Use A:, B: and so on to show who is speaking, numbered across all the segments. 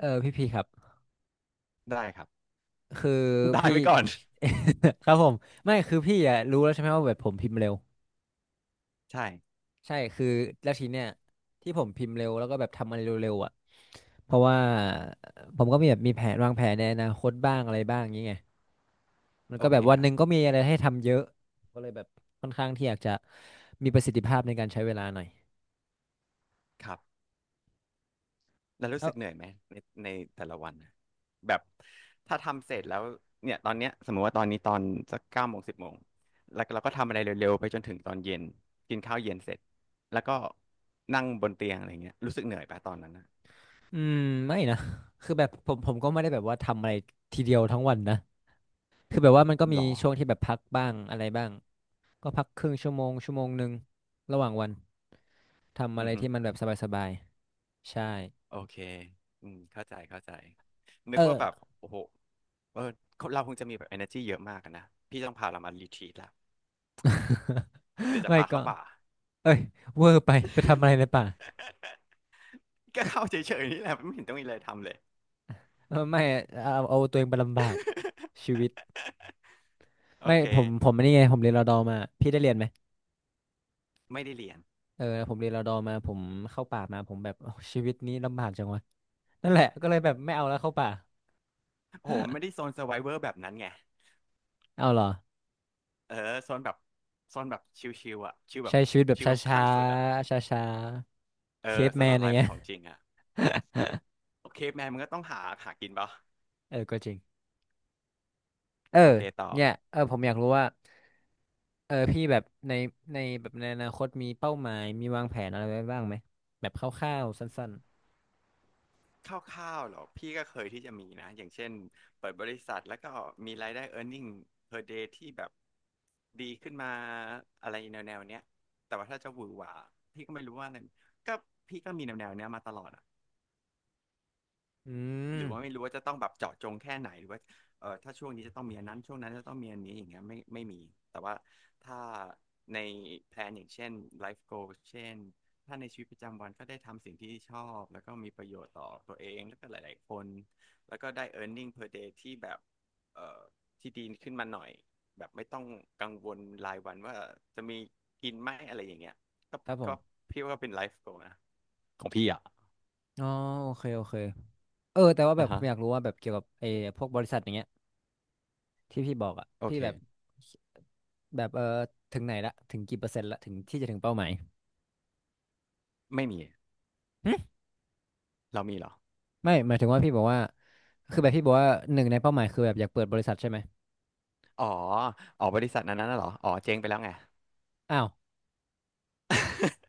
A: พี่ครับ
B: ได้ครับ
A: คือ
B: ได้
A: พี่
B: ไปก่อน
A: ครับผมไม่คือพี่อ่ะรู้แล้วใช่ไหมว่าแบบผมพิมพ์เร็ว
B: ใช่
A: ใช่คือแล้วทีเนี้ยที่ผมพิมพ์เร็วแล้วก็แบบทำอะไรเร็วๆอ่ะเพราะว่าผมก็มีแผนวางแผนในอนาคตบ้างอะไรบ้างอย่างเงี้ยมัน
B: โอ
A: ก็แบ
B: เค
A: บวัน
B: ค
A: ห
B: รับ
A: นึ่งก็มีอะไรให้ทำเยอะก็เลยแบบค่อนข้างที่อยากจะมีประสิทธิภาพในการใช้เวลาหน่อย
B: ครับแล้วรู้
A: เอ้า
B: สึกเหนื่อยไหมในในแต่ละวันน่ะแบบถ้าทำเสร็จแล้วเนี่ยตอนเนี้ยสมมติว่าตอนนี้ตอนสักเก้าโมงสิบโมงแล้วเราก็ทำอะไรเร็วๆไปจนถึงตอนเย็นกินข้าวเย็นเสร็จแล้วก็นั่งบนเตียงอะไรเงี้ยรู้สึกเหนื่อยปะตอนนั้นนะ
A: อืมไม่นะคือแบบผมก็ไม่ได้แบบว่าทำอะไรทีเดียวทั้งวันนะคือแบบว่ามันก็
B: ห
A: มี
B: รอ
A: ช่วงที่แบบพักบ้างอะไรบ้าง ก็พักครึ่งชั่วโมงชั่วโมงหนึ่งระหว่างวันทำอะ
B: อื
A: ไร
B: อฮึ
A: ที่มันแบบสบายๆใช่
B: โอเคอืมเข้าใจเข้าใจนึ
A: เอ
B: กว่าแบบ
A: อ
B: โอ้โหเออเราคงจะมีแบบ energy เยอะมากอะนะพี่ต้องพาเรามารีทรีตละเดี๋ยว จะ
A: ไม่
B: พา
A: ก็
B: เข้าป่า
A: เอ้ยเวอร์ไปไปทำอะไรในป่า
B: ก็เข้าเฉยๆนี่แหละไม่เห็นต้องมีอะไรทำเลย
A: เออไม่เอาตัวเองไปลำบากชี วิต
B: โอ
A: ไม่
B: เค
A: ผมอันนี่ไงผมเรียนรอดอมาพี่ได้เรียนไหม
B: ไม่ได้เรียน
A: เออผมเรียนรอดอมาผมเข้าป่ามาผมแบบโอ้ชีวิตนี้ลำบากจังวะนั่นแหละก็เลยแบบไม่เอาแล้วเข้าป่า
B: โหไม่ได้โซน s u r v i เวอร์แบบนั้นไง
A: เอาเหรอ
B: เออโซนแบบโซนแบบชิวๆอ่ะชิวแบบ
A: ใช้ชีวิตแบบ
B: ชิว
A: ช
B: แบบ
A: ้า
B: ขั้นสุดอ่ะ
A: ๆช้าๆ
B: เอ
A: เค
B: อ
A: ป
B: ส
A: แม
B: โล
A: นอะ
B: ว์
A: ไร
B: ไล
A: เงี้
B: ฟ์
A: ย
B: ของจริงอ่ะโอเคแมนมันก็ต้องหาหากินปะ
A: เออก็จริงเออ
B: โอเคต่อ
A: เนี่ยเออผมอยากรู้ว่า พี่แบบในแบบในอนาคตมีเป้าหมายมีวางแผนอะไรไว้บ้างไหมแบบคร่าวๆสั้น
B: คร่าวๆหรอพี่ก็เคยที่จะมีนะอย่างเช่นเปิดบริษัทแล้วก็มีรายได้ earning per day ที่แบบดีขึ้นมาอะไรแนวๆเนี้ยแต่ว่าถ้าจะหวือหวาพี่ก็ไม่รู้ว่าอะไรก็พี่ก็มีแนวๆเนี้ยมาตลอด
A: ๆอื
B: ห
A: ม
B: รือว่าไม่รู้ว่าจะต้องแบบเจาะจงแค่ไหนหรือว่าเออถ้าช่วงนี้จะต้องมีอันนั้นช่วงนั้นจะต้องมีอันนี้อย่างเงี้ยไม่ไม่มีแต่ว่าถ้าในแพลนอย่างเช่นไลฟ์โกเช่นถ้าในชีวิตประจำวันก็ได้ทำสิ่งที่ชอบแล้วก็มีประโยชน์ต่อตัวเองแล้วก็หลายๆคนแล้วก็ได้ earning per day ที่แบบเอ่อที่ดีขึ้นมาหน่อยแบบไม่ต้องกังวลรายวันว่าจะมีกินไหมอะไรอย่างเงี้ยก็
A: ครับผ
B: ก็
A: ม
B: พี่ว่าเป็นไลฟ์โกนะของพี่อ่ะ
A: อ๋อโอเคโอเคเออแต่ว่าแบ
B: อ่า
A: บผ
B: ฮะ
A: มอยากรู้ว่าแบบเกี่ยวกับไอ้พวกบริษัทอย่างเงี้ยที่พี่บอกอ่ะ
B: โอ
A: พี่
B: เค
A: แบบแบบเออถึงไหนละถึงกี่เปอร์เซ็นต์ละถึงที่จะถึงเป้าหมาย
B: ไม่มี
A: หึ
B: เรามีเหรอ
A: ไม่หมายถึงว่าพี่บอกว่าคือแบบพี่บอกว่าหนึ่งในเป้าหมายคือแบบอยากเปิดบริษัทใช่ไหม
B: อ๋ออ๋อบริษัทนั้นน่ะเหรออ๋อเจ๊งไปแล้วไง
A: อ้าว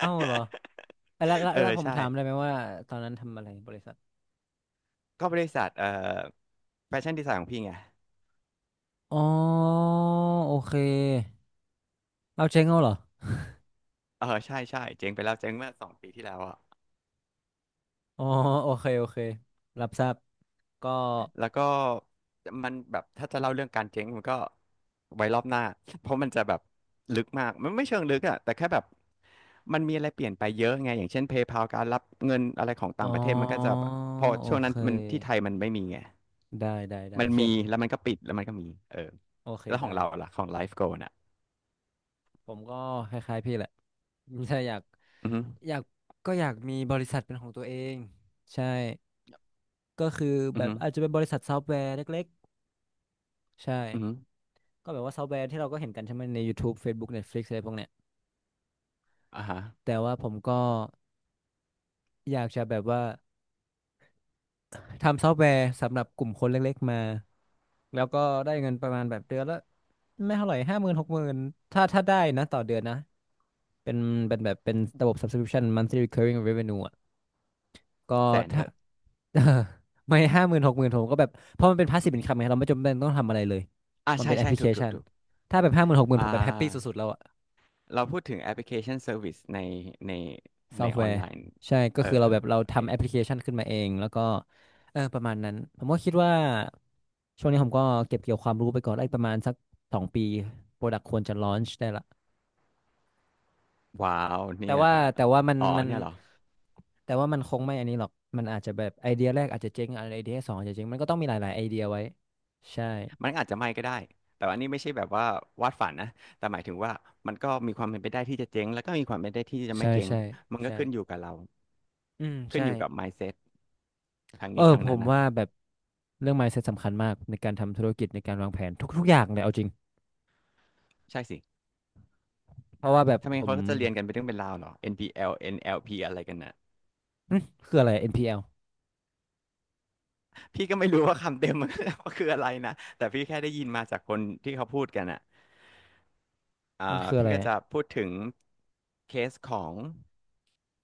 A: อ้าวเหรอเอ้ยแล้วแล้ว
B: เออ
A: แล้วผม
B: ใช่
A: ถามได้ไหมว่าตอนนั้นทำอะไรบริษัท
B: ก็บริษัทแฟชั่นดีไซน์ของพี่ไง
A: อ๋อโอเค เอาเชงเอาเหรอ
B: เออใช่ใช่เจ๊งไปแล้วเจ๊งเมื่อสองปีที่แล้วอะ
A: อ๋อโอเคโอเครับทราบก็
B: แล้วก็มันแบบถ้าจะเล่าเรื่องการเจ๊งมันก็ไว้รอบหน้าเพราะมันจะแบบลึกมากมันไม่เชิงลึกอะแต่แค่แบบมันมีอะไรเปลี่ยนไปเยอะไงอย่างเช่น PayPal การรับเงินอะไรของ
A: อ๋
B: ต่า
A: อ
B: งประเทศมันก็จะแบบพอ
A: โอ
B: ช่วง
A: เค
B: นั้นมันที่ไทยมันไม่มีไง
A: ได้ได้ได้
B: มั
A: โอ
B: น
A: เค
B: มีแล้วมันก็ปิดแล้วมันก็มีเออ
A: โอเค
B: แล้วของ
A: ได้
B: เราล่ะของไลฟ์โกลน่ะ
A: ผมก็คล้ายๆพี่แหละ ถ้าอยาก
B: อือฮึ
A: อยากก็อยากมีบริษัทเป็นของตัวเองใช่ก็คือ
B: อื
A: แบ
B: อ
A: บ
B: ฮึ
A: อาจจะเป็นบริษัทซอฟต์แวร์เล็กๆใช่
B: อือฮึ
A: ก็แบบว่าซอฟต์แวร์ที่เราก็เห็นกันใช่ไหมใน YouTube Facebook Netflix อะไรพวกเนี้ย
B: อ่าฮะ
A: แต่ว่าผมก็อยากจะแบบว่า ทำซอฟต์แวร์สำหรับกลุ่มคนเล็กๆมา แล้วก็ได้เงินประมาณแบบเดือนละไม่เท่าไหร่ห้าหมื่นหกหมื่นถ้าได้นะต่อเดือนนะเป็นเป็นแบบเป็นระบบ subscription monthly recurring revenue อ่ะก็
B: แสนเถ
A: ถ้า
B: อะ
A: เออไม่ห้าหมื่นหกหมื่นผมก็แบบเพราะมันเป็น passive i n c คับไงเราไม่จำเป็นต้องทำอะไรเลย
B: อ่า
A: มัน
B: ใช่
A: เป็นแอป
B: ใช่
A: พลิเค
B: ถูกถู
A: ชั
B: ก
A: น
B: ถูก
A: ถ้าแบบห้าหมื่นหกหมื่น
B: อ่
A: ผมแบบแฮปปี้สุ
B: า
A: ดๆแล้วอะ
B: เราพูดถึงแอปพลิเคชันเซอร์วิสในใน
A: ซอ
B: ใน
A: ฟต์
B: อ
A: แว
B: อน
A: ร์
B: ไลน์
A: ใช่ก็
B: เอ
A: คือเรา
B: อ
A: แบบเรา
B: โอเค
A: ทำแอปพลิเคชันขึ้นมาเองแล้วก็เออประมาณนั้นผมก็คิดว่าช่วงนี้ผมก็เก็บเกี่ยวความรู้ไปก่อนได้ประมาณสักสองปีโปรดักควรจะลอนช์ได้ละ
B: ว้าว
A: แต่
B: เนี่ย
A: ว่าแต่ว่ามัน
B: อ๋อ
A: มัน
B: เนี่ยเหรอ
A: แต่ว่ามันคงไม่อันนี้หรอกมันอาจจะแบบไอเดียแรกอาจจะเจ๊งไอเดียสองอาจจะเจ๊งมันก็ต้องมีหลายๆไอเดียไว้ใช่
B: มันอาจจะไม่ก็ได้แต่ว่าอันนี้ไม่ใช่แบบว่าวาดฝันนะแต่หมายถึงว่ามันก็มีความเป็นไปได้ที่จะเจ๊งแล้วก็มีความเป็นไปได้ที่จะไม่
A: ใช่
B: เจ๊ง
A: ใช่
B: มันก็
A: ใช่
B: ขึ้นอยู่กับเรา
A: อืม
B: ขึ้น
A: ใช่
B: อยู่กับ mindset ทาง
A: เออ
B: นี้ทาง
A: ผ
B: นั้
A: ม
B: นนะ
A: ว่าแบบเรื่อง mindset สำคัญมากในการทำธุรกิจในการวางแผนทุกๆอย่างเลยเอาจริง
B: ใช่สิ
A: เพราะว่าแบบ
B: ทำไม
A: ผม
B: เขาก็จะเรียนกันเป็นเรื่องเป็นราวเหรอ NPL NLP อลเอ็นแอลพีอะไรกันน่ะ
A: อืมคืออะไร NPL
B: พี่ก็ไม่รู้ว่าคำเต็ม มัน ว่าคืออะไรนะ แต่พี่แค่ได้ยินมาจากคนที่เขาพูดกันอ่ะอ่า
A: มันคืออะ
B: พี่
A: ไร
B: ก็
A: อะ
B: จะพูดถึงเคสของ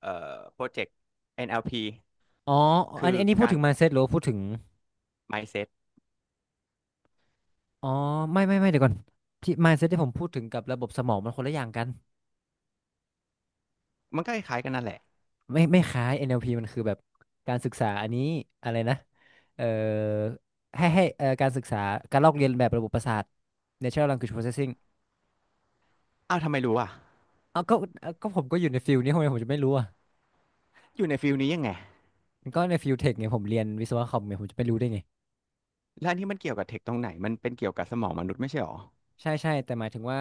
B: โปรเจกต์ NLP
A: อ๋ออั
B: คื
A: น
B: อ
A: อันนี้พูด
B: การ
A: ถึง mindset หรือว่าพูดถึง
B: mindset
A: อ๋อไม่เดี๋ยวก่อนที่ mindset ที่ผมพูดถึงกับระบบสมองมันคนละอย่างกัน
B: มันก็คล้ายๆกันนั่นแหละ
A: ไม่คล้าย NLP มันคือแบบการศึกษาอันนี้อะไรนะเอ่อให้การศึกษาการลอกเรียนแบบระบบประสาท Natural Language Processing
B: อ้าวทำไมรู้อ่ะ
A: เอาก็เอาก็ผมก็อยู่ในฟิลนี้ทำไมผมจะไม่รู้อ่ะ
B: อยู่ในฟิลนี้ยังไง
A: มันก็ในฟิลเทคไงผมเรียนวิศวะคอมไงผมจะไม่รู้ได้ไง
B: แล้วอันที่มันเกี่ยวกับเทคตรงไหน มันเป็นเกี่ยวกับสมองมนุษย์ไม่ใช่หรอ
A: ใช่ใช่แต่หมายถึงว่า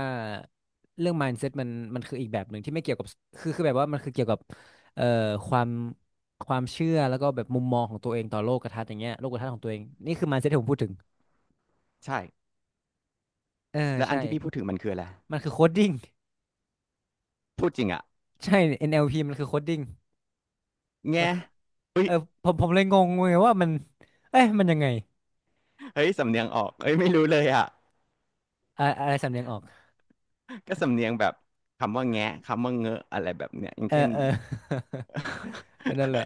A: เรื่อง mindset มันคืออีกแบบหนึ่งที่ไม่เกี่ยวกับคือแบบว่ามันคือเกี่ยวกับเอ่อความความเชื่อแล้วก็แบบมุมมองของตัวเองต่อโลกทัศน์อย่างเงี้ยโลกทัศน์ของตัวเองนี่คือ mindset ที่ผมพูดถึง
B: ใช่
A: เออ
B: แล้วอั
A: ใช่
B: นที่พี่พูดถึงมันคืออะไร
A: มันคือโคดดิ้ง
B: พูดจริงอ่ะ
A: ใช่ NLP มันคือโคดดิ้งมั
B: แง่
A: นคือ
B: เฮ้
A: เอ
B: ย
A: อผมเลยงงไงว่ามันเอ้ยมันยังไง
B: เฮ้ยสำเนียงออกเฮ้ยไม่รู้เลยอ่ะ
A: อะอะไรสำเนียงออก
B: ก็สำเนียงแบบคำว่าแงะคำว่าเงอะอะไรแบบเนี้ยอย่าง
A: เออ
B: เช่น
A: เออ นั่นแหละ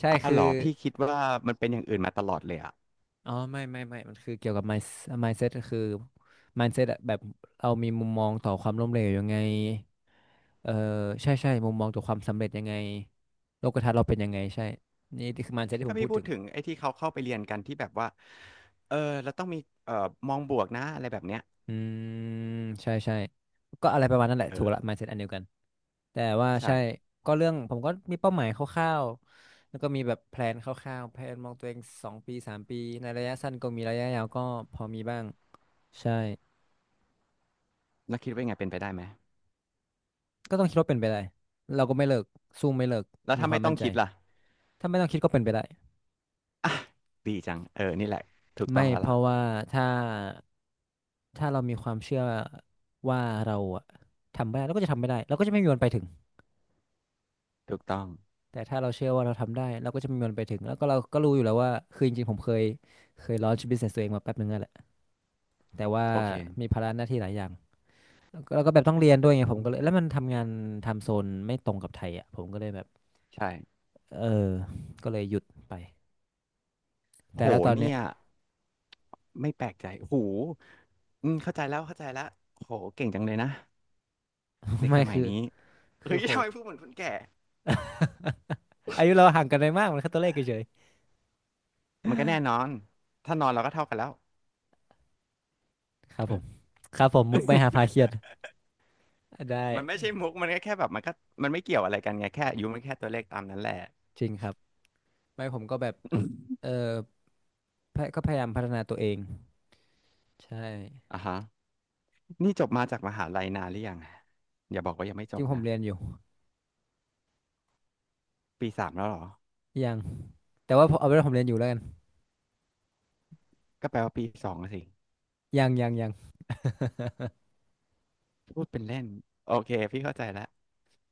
A: ใช่
B: อ้าว
A: คือ
B: เหรอพี่คิดว่ามันเป็นอย่างอื่นมาตลอดเลยอะ
A: อ๋อไม่ มันคือเกี่ยวกับ mindset ก็คือ mindset อะแบบเรามีมุมมองต่อความล้มเหลวยังไงเออใช่ใช่มุมมองต่อความสำเร็จยังไงโลกทัศน์เราเป็นยังไงใช่ นี่คือ mindset ที่ผ
B: ถ้า
A: ม
B: พี่
A: พูด
B: พู
A: ถึ
B: ด
A: ง
B: ถึงไอ้ที่เขาเข้าไปเรียนกันที่แบบว่าเออเราต้องมีเอ่อมองบวกนะอะไรแบบเนี้ย
A: อืมใช่ใช่ก็อะไรประมาณนั้นแหละ
B: เอ
A: ถูก
B: อ
A: ละ mindset อันเดียวกันแต่ว่าใช่
B: ใช่
A: ก็เรื่องผมก็มีเป้าหมายคร่าวๆแล้วก็มีแบบแพลนคร่าวๆแพลนมองตัวเอง2 ปี3 ปีในระยะสั้นก็มีระยะยาวก็พอมีบ้างใช่
B: แล้วคิดว่าไงเป็นไปได้ไหม
A: ก็ต้องคิดว่าเป็นไปได้เราก็ไม่เลิกสู้ไม่เลิก
B: แล้ว
A: มี
B: ถ้า
A: ควา
B: ไม่
A: ม
B: ต้
A: มั่
B: อง
A: นใจ
B: คิดล่ะ
A: ถ้าไม่ต้องคิดก็เป็นไปได้
B: อ่ะดีจังเออนี่แหละถูกต้อ
A: ไม่
B: งแล้ว
A: เพ
B: ล่ะ
A: ราะว่าถ้าถ้าเรามีความเชื่อว่าเราอะทำไม่ได้เราก็จะทำไม่ได้เราก็จะไม่มีวันไปถึง
B: ถูกต้อง
A: แต่ถ้าเราเชื่อว่าเราทำได้เราก็จะมีมันไปถึงแล้วก็เราก็รู้อยู่แล้วว่าคือจริงๆผมเคย launch business ตัวเองมาแป๊บนึงนั่นแหละแต่ว่า
B: โอเค
A: มีภาระหน้าที่หลายอย่างแล้วก็แบบต้องเรียนด้วยไงผม
B: อื
A: ก็เลยแล้
B: ม
A: วมันทำงานทำโซนไม่ตรงกับไทยอ่ะผมก็เลยแบบ
B: ใช่
A: เออก็เลยหยุดไปแต่
B: โห
A: แล้วตอนเนี้
B: เนี่
A: ย
B: ยไม่แปลกใจหูอืมเข้าใจแล้วเข้าใจแล้วโหเก่งจังเลยนะ เด็ก
A: ไม่
B: สมัย
A: คือ
B: นี้
A: คื
B: เฮ้
A: อ
B: ย
A: ผ
B: ทำ
A: ม
B: ไมพูดเหมือนคนแก่
A: อายุเราห่างกันไม่มากมันแค่ตัวเลขเฉย
B: มันก็แน่นอนถ้านอนเราก็เท่ากันแล้ว
A: ๆครับผมครับผมมุกไม่หาพาเครียดได้
B: มันไม่ใช่มุกมันก็แค่แบบมันก็มันไม่เกี่ยวอะไรกันไงแค่อายุมันแค่ตัวเลขตามนั้นแหละ
A: จริงครับไม่ผมก็แบบ เออพะก็พยายามพัฒนาตัวเองใช่
B: อ่ะฮะนี่จบมาจากมหาลัยนานหรือยังอย่าบอกว่ายังไม่
A: จ
B: จ
A: ริ
B: บ
A: งผม
B: นะ
A: เรียนอยู่
B: ปีสามแล้วเหรอ
A: ยัง แต่ว่าเอาเป็นว่าผมเรียนอยู่แล้วกัน
B: ก็แปลว่าปีสองะสิ
A: ยังยังยัง
B: พูดเป็นเล่นโอเคพี่เข้าใจแล้ว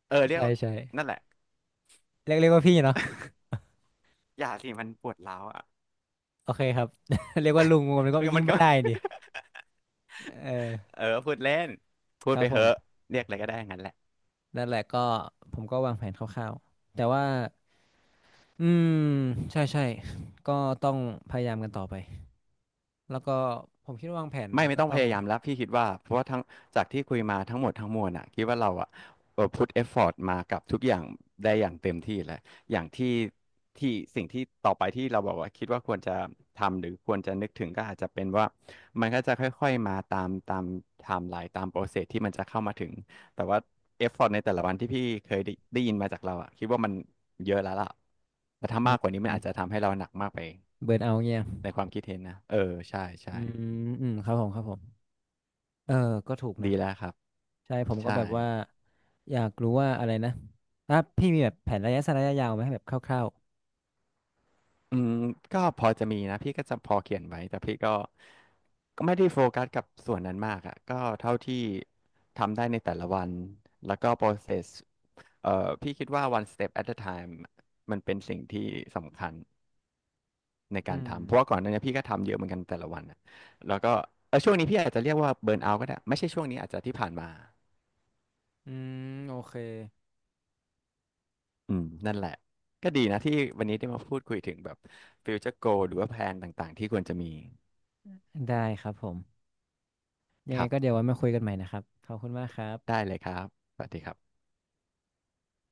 B: เออเรีย
A: ใช่
B: กว่า
A: ใช่
B: นั่นแหละ
A: เรียกว่าพี่เนาะ
B: อย่าสิมันปวดร้าวอ่ะ
A: โอเคครับ เรียกว่าลุงผมก็ ยิ่ง
B: มัน
A: ไม่
B: ก็
A: ได้ดิเ ออ
B: เออพูดเล่นพู
A: ค
B: ด
A: รั
B: ไป
A: บผ
B: เหอะ
A: ม
B: เรียกอะไรก็ได้งั้นแหละ
A: นั่นแหละก็ผมก็วางแผนคร่าวๆแต่ว่าอืมใช่ใช่ก็ต้องพยายามกันต่อไปแล้วก็ผมคิดว่าวางแผน
B: ไม่ไม่
A: ก็
B: ต้อง
A: ต้
B: พ
A: อง
B: ยายามแล้วพี่คิดว่าเพราะว่าทั้งจากที่คุยมาทั้งหมดทั้งมวลอ่ะคิดว่าเราอ่ะเออพุทเอฟฟอร์ตมากับทุกอย่างได้อย่างเต็มที่แหล้วอย่างที่ที่สิ่งที่ต่อไปที่เราบอกว่าคิดว่าควรจะทำหรือควรจะนึกถึงก็อาจจะเป็นว่ามันก็จะค่อยๆมาตามตามไทม์ไลน์ตามโปรเซสที่มันจะเข้ามาถึงแต่ว่าเอฟฟอร์ตในแต่ละวันที่พี่เคยได้ได้ยินมาจากเราอ่ะคิดว่ามันเยอะแล้วล่ะแต่ถ้า
A: อื
B: มาก
A: ม
B: กว่านี้มันอาจจะทำให้เราหนักมากไป
A: เบิร์นเอาท์เงี้ย
B: ในความคิดเห็นนะเออใช่
A: อื
B: ใช่
A: มอืมครับผมครับผมเออก็ถูกนะ
B: ดีแล้วครับ
A: ใช่ผมก็
B: ใช่
A: แบบว่าอยากรู้ว่าอะไรนะถ้าพี่มีแบบแผนระยะสั้นระยะยาวไหมแบบคร่าว
B: อืมก็พอจะมีนะ พี่ก็จะพอเขียนไว้ แต่พี่ก็ก็ไม่ได้โฟกัสกับส่วนนั้นมากอะก็เท่าที่ทำได้ในแต่ละวัน แล้วก็ process พี่คิดว่า one step at a time มันเป็นสิ่งที่สำคัญใน
A: ๆ
B: กา
A: อื
B: ร
A: ม
B: ทำ เพราะว่าก่อนหน้านี้พี่ก็ทำเยอะเหมือนกันแต่ละวันอะแล้วก็เออช่วงนี้พี่อาจจะเรียกว่าเบิร์นเอาท์ก็ได้ ไม่ใช่ช่วงนี้อาจจะที่ผ่านมา
A: อืมโอเค
B: อืมนั่นแหละ ก็ดีนะที่วันนี้ได้มาพูดคุยถึงแบบ future goal หรือว่าแผนต่างๆที่ควรจะมี
A: ได้ครับผมยั
B: ค
A: งไง
B: รับ
A: ก็เดี๋ยวไว้มาคุยกันใหม่นะครับขอบคุณมากครั
B: ได้
A: บ
B: เลยครับสวัสดีครับ